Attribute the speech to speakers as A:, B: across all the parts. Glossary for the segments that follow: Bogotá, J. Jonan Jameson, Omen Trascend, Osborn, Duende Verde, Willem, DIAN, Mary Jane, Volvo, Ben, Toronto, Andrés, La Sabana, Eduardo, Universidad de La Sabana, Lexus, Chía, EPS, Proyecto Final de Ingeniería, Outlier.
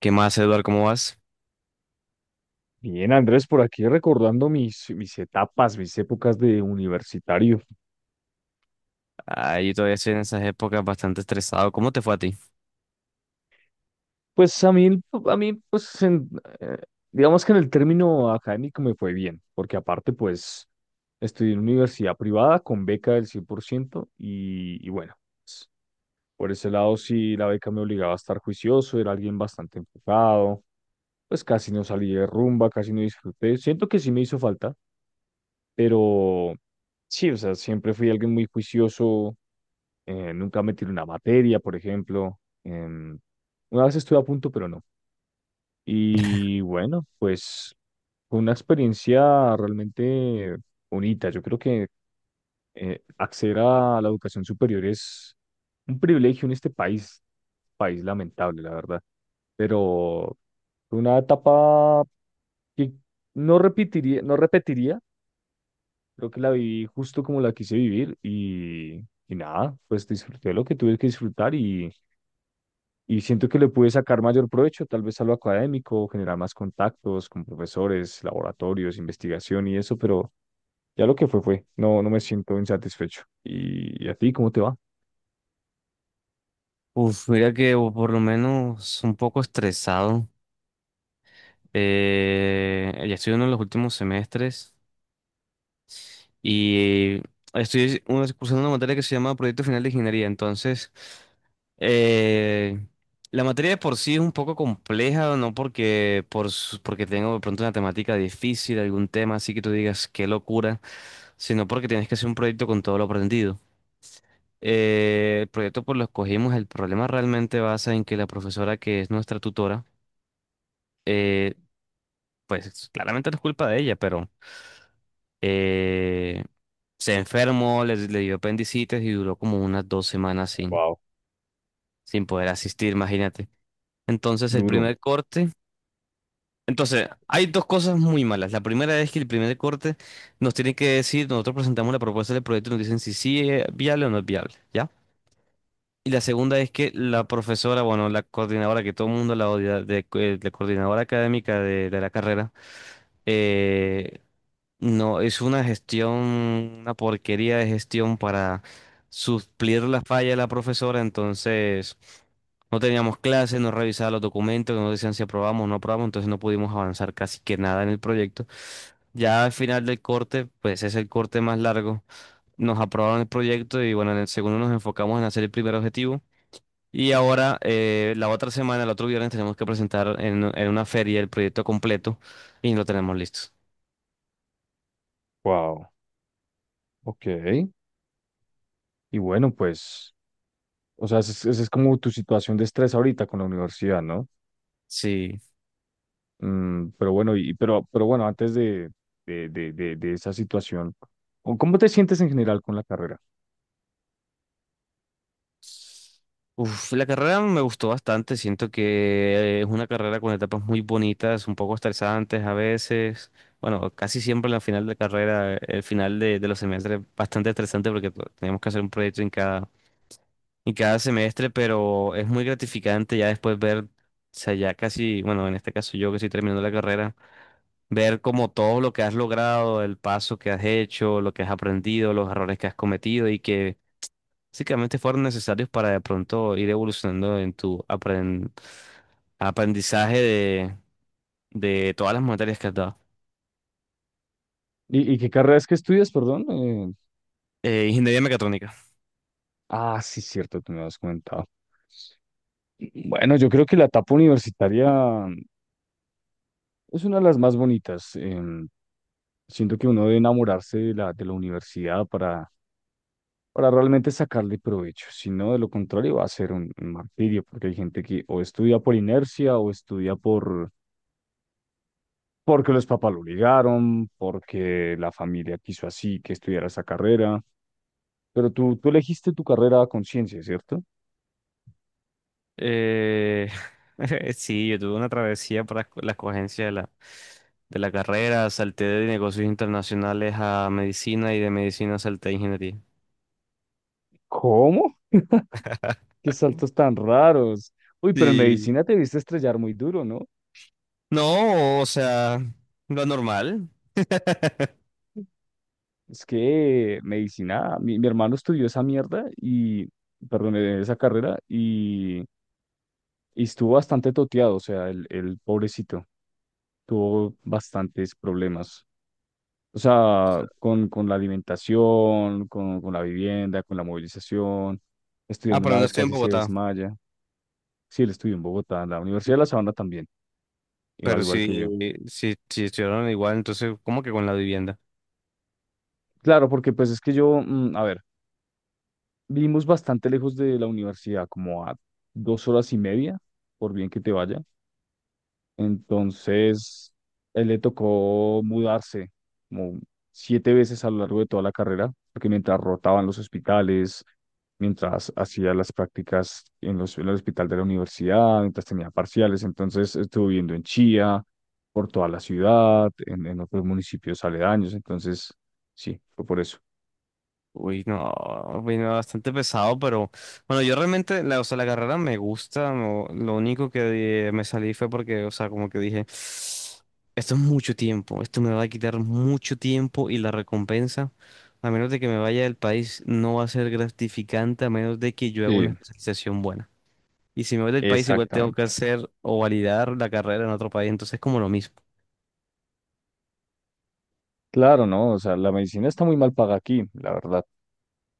A: ¿Qué más, Eduardo? ¿Cómo vas?
B: Bien, Andrés, por aquí recordando mis etapas, mis épocas de universitario.
A: Ahí todavía estoy en esas épocas bastante estresado. ¿Cómo te fue a ti?
B: Pues a mí, eh, digamos que en el término académico me fue bien, porque aparte, pues, estudié en universidad privada con beca del 100% y bueno, por ese lado sí la beca me obligaba a estar juicioso, era alguien bastante enfocado, pues casi no salí de rumba, casi no disfruté. Siento que sí me hizo falta, pero sí, o sea, siempre fui alguien muy juicioso nunca me tiré una materia, por ejemplo. Una vez estuve a punto, pero no. Y bueno, pues fue una experiencia realmente bonita. Yo creo que acceder a la educación superior es un privilegio en este país, país lamentable, la verdad. Pero fue una etapa que no repetiría, no repetiría. Creo que la viví justo como la quise vivir y nada, pues disfruté lo que tuve que disfrutar y siento que le pude sacar mayor provecho, tal vez a lo académico, generar más contactos con profesores, laboratorios, investigación y eso, pero ya lo que fue fue, no, no me siento insatisfecho. Y a ti cómo te va?
A: Uf, mira que o por lo menos un poco estresado. Ya estoy en uno de los últimos semestres y cursando una materia que se llama Proyecto Final de Ingeniería. Entonces, eh, la materia de por sí es un poco compleja, no porque tengo de pronto una temática difícil, algún tema así que tú digas qué locura, sino porque tienes que hacer un proyecto con todo lo aprendido. El proyecto por lo escogimos, el problema realmente basa en que la profesora que es nuestra tutora, eh, pues claramente no es culpa de ella, pero eh, se enfermó, le dio apendicitis y duró como unas 2 semanas
B: Wow.
A: sin poder asistir, imagínate. Entonces el
B: Duro.
A: primer corte, entonces hay dos cosas muy malas. La primera es que el primer corte nos tienen que decir, nosotros presentamos la propuesta del proyecto y nos dicen si sí es viable o no es viable, ¿ya? Y la segunda es que la profesora, bueno, la coordinadora que todo el mundo la odia, la coordinadora académica de la carrera, eh, no, es una gestión, una porquería de gestión para suplir la falla de la profesora, entonces no teníamos clases, no revisaba los documentos, no decían si aprobamos o no aprobamos, entonces no pudimos avanzar casi que nada en el proyecto. Ya al final del corte, pues es el corte más largo, nos aprobaron el proyecto y bueno, en el segundo nos enfocamos en hacer el primer objetivo. Y ahora, la otra semana, el otro viernes, tenemos que presentar en una feria el proyecto completo y lo tenemos listo.
B: Wow. Ok. Y bueno, pues, o sea, esa es como tu situación de estrés ahorita con la universidad, ¿no?
A: Sí.
B: Mm, pero bueno, y, pero bueno, antes de esa situación, ¿cómo cómo te sientes en general con la carrera?
A: Uf, la carrera me gustó bastante. Siento que es una carrera con etapas muy bonitas, un poco estresantes a veces. Bueno, casi siempre la final de carrera, el final de los semestres, bastante estresante porque tenemos que hacer un proyecto en cada semestre, pero es muy gratificante ya después ver, o sea, ya casi, bueno, en este caso yo que estoy terminando la carrera ver como todo lo que has logrado, el paso que has hecho, lo que has aprendido, los errores que has cometido y que básicamente fueron necesarios para de pronto ir evolucionando en tu aprendizaje de todas las materias que has dado.
B: Y qué carrera es que estudias, perdón?
A: Ingeniería mecatrónica.
B: Ah, sí, cierto, tú me has comentado. Bueno, yo creo que la etapa universitaria es una de las más bonitas. Siento que uno debe enamorarse de la universidad para realmente sacarle provecho. Si no, de lo contrario, va a ser un martirio, porque hay gente que o estudia por inercia o estudia por, porque los papás lo obligaron, porque la familia quiso así que estudiara esa carrera. Pero tú elegiste tu carrera a conciencia, ¿cierto?
A: Eh, sí, yo tuve una travesía para la escogencia de la carrera, salté de negocios internacionales a medicina y de medicina salté a ingeniería.
B: ¿Cómo? ¿Qué saltos tan raros? Uy, pero en
A: Sí.
B: medicina te viste estrellar muy duro, ¿no?
A: No, o sea, lo normal.
B: Es que medicina, mi hermano estudió esa mierda y, perdón, esa carrera y estuvo bastante toteado, o sea, el pobrecito tuvo bastantes problemas. O sea, con la alimentación, con la vivienda, con la movilización.
A: Ah,
B: Estudiando
A: pero
B: una
A: no
B: vez
A: estoy en
B: casi se
A: Bogotá.
B: desmaya. Sí, él estudió en Bogotá, en la Universidad de La Sabana también, igual,
A: Pero
B: igual que yo.
A: si estuvieron igual, entonces, ¿cómo que con la vivienda?
B: Claro, porque pues es que yo, mm, a ver, vivimos bastante lejos de la universidad, como a 2 horas y media, por bien que te vaya. Entonces, él le tocó mudarse como 7 veces a lo largo de toda la carrera, porque mientras rotaban los hospitales, mientras hacía las prácticas en, los, en el hospital de la universidad, mientras tenía parciales, entonces estuvo viviendo en Chía, por toda la ciudad, en otros municipios aledaños, entonces sí, fue por eso.
A: Uy, no, vino bastante pesado, pero bueno, yo realmente, la, o sea, la carrera me gusta, no- lo único que me salí fue porque, o sea, como que dije, esto es mucho tiempo, esto me va a quitar mucho tiempo y la recompensa, a menos de que me vaya del país, no va a ser gratificante, a menos de que yo haga una
B: Sí,
A: especialización buena. Y si me voy del país, igual tengo que
B: exactamente.
A: hacer o validar la carrera en otro país, entonces es como lo mismo.
B: Claro, ¿no? O sea, la medicina está muy mal paga aquí, la verdad.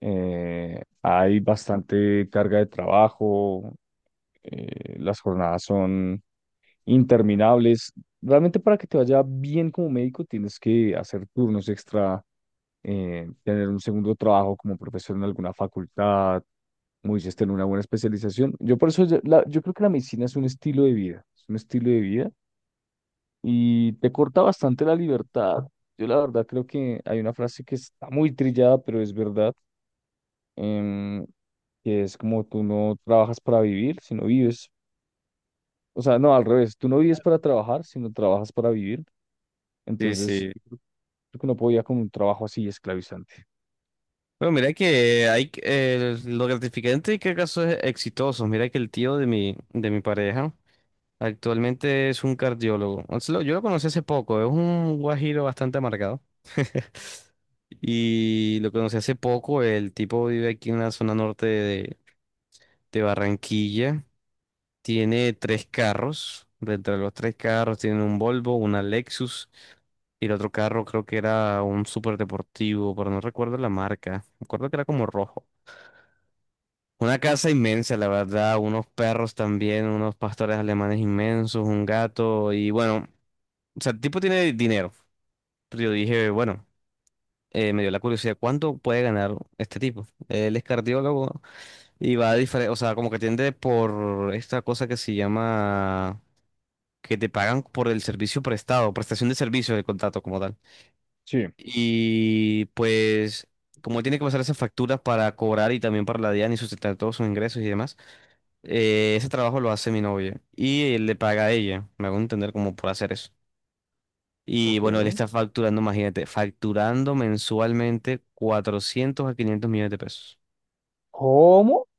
B: Hay bastante carga de trabajo, las jornadas son interminables. Realmente para que te vaya bien como médico tienes que hacer turnos extra, tener un segundo trabajo como profesor en alguna facultad, como dices, tener una buena especialización. Yo por eso, yo creo que la medicina es un estilo de vida, es un estilo de vida y te corta bastante la libertad. Yo la verdad creo que hay una frase que está muy trillada, pero es verdad, em, que es como tú no trabajas para vivir, sino vives o sea, no, al revés, tú no vives para trabajar, sino trabajas para vivir.
A: Sí,
B: Entonces,
A: sí.
B: creo que no podía con un trabajo así esclavizante.
A: Bueno, mira que lo gratificante que casos exitosos. Mira que el tío de mi pareja actualmente es un cardiólogo. O sea, lo- Yo lo conocí hace poco, es un guajiro bastante amargado. Y lo conocí hace poco, el tipo vive aquí en la zona norte de Barranquilla. Tiene tres carros. Dentro de los tres carros tiene un Volvo, una Lexus y el otro carro creo que era un super deportivo, pero no recuerdo la marca. Recuerdo que era como rojo. Una casa inmensa, la verdad, unos perros también, unos pastores alemanes inmensos, un gato y bueno, o sea, el tipo tiene dinero. Pero yo dije, bueno, me dio la curiosidad, ¿cuánto puede ganar este tipo? Él es cardiólogo y va a diferente, o sea, como que tiende por esta cosa que se llama que te pagan por el servicio prestado, prestación de servicio del contrato como tal.
B: Sí,
A: Y pues, como tiene que pasar esas facturas para cobrar y también para la DIAN y sustentar todos sus ingresos y demás, ese trabajo lo hace mi novia y él le paga a ella, me hago entender como por hacer eso. Y
B: ok.
A: bueno, él está facturando, imagínate, facturando mensualmente 400 a 500 millones de pesos.
B: ¿Cómo?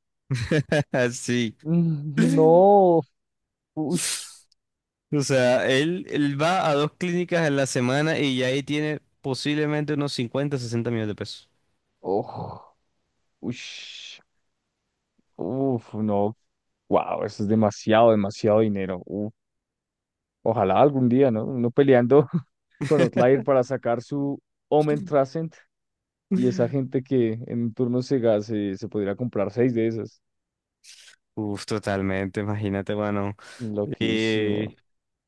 A: Así.
B: Mm, no, ush,
A: O sea, él va a dos clínicas en la semana y ya ahí tiene posiblemente unos 50 60 millones de pesos.
B: oh, ush, uf, no, wow, eso es demasiado, demasiado dinero. Uf, ojalá algún día, ¿no? Uno peleando con Outlier para sacar su Omen Trascend y esa gente que en un turno se podría comprar seis de esas.
A: Uf, totalmente, imagínate, bueno.
B: Loquísimo.
A: Y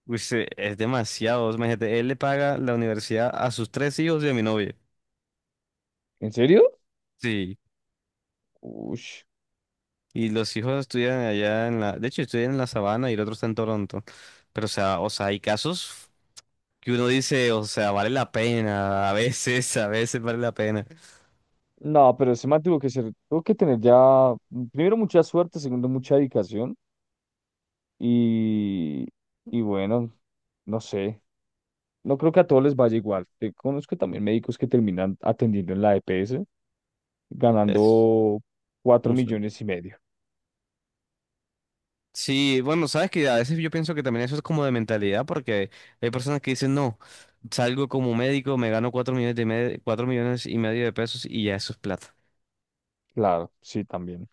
A: pues, es demasiado, imagínate, él le paga la universidad a sus tres hijos y a mi novia.
B: ¿En serio?
A: Sí.
B: Uy,
A: Y los hijos estudian allá en la, de hecho, estudian en la Sabana y el otro está en Toronto. Pero, o sea, hay casos que uno dice, o sea, vale la pena, a veces vale la pena.
B: no, pero ese man tuvo que ser, tuvo que tener ya, primero mucha suerte, segundo mucha dedicación y, y bueno, no sé, no creo que a todos les vaya igual. Te conozco también médicos que terminan atendiendo en la EPS
A: Es
B: ganando cuatro
A: un sueldo.
B: millones y medio.
A: Sí, bueno, sabes que a veces yo pienso que también eso es como de mentalidad, porque hay personas que dicen, no, salgo como médico, me gano 4 millones 4,5 millones de pesos y ya eso es plata.
B: Claro, sí, también.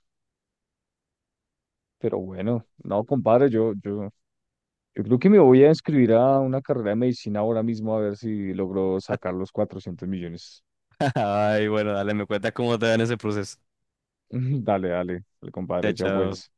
B: Pero bueno, no, compadre, yo creo que me voy a inscribir a una carrera de medicina ahora mismo a ver si logro sacar los 400 millones.
A: Ay, bueno, dale, me cuentas cómo te va en ese proceso.
B: Dale, dale, dale,
A: Chao,
B: compadre, ya pues.
A: chao.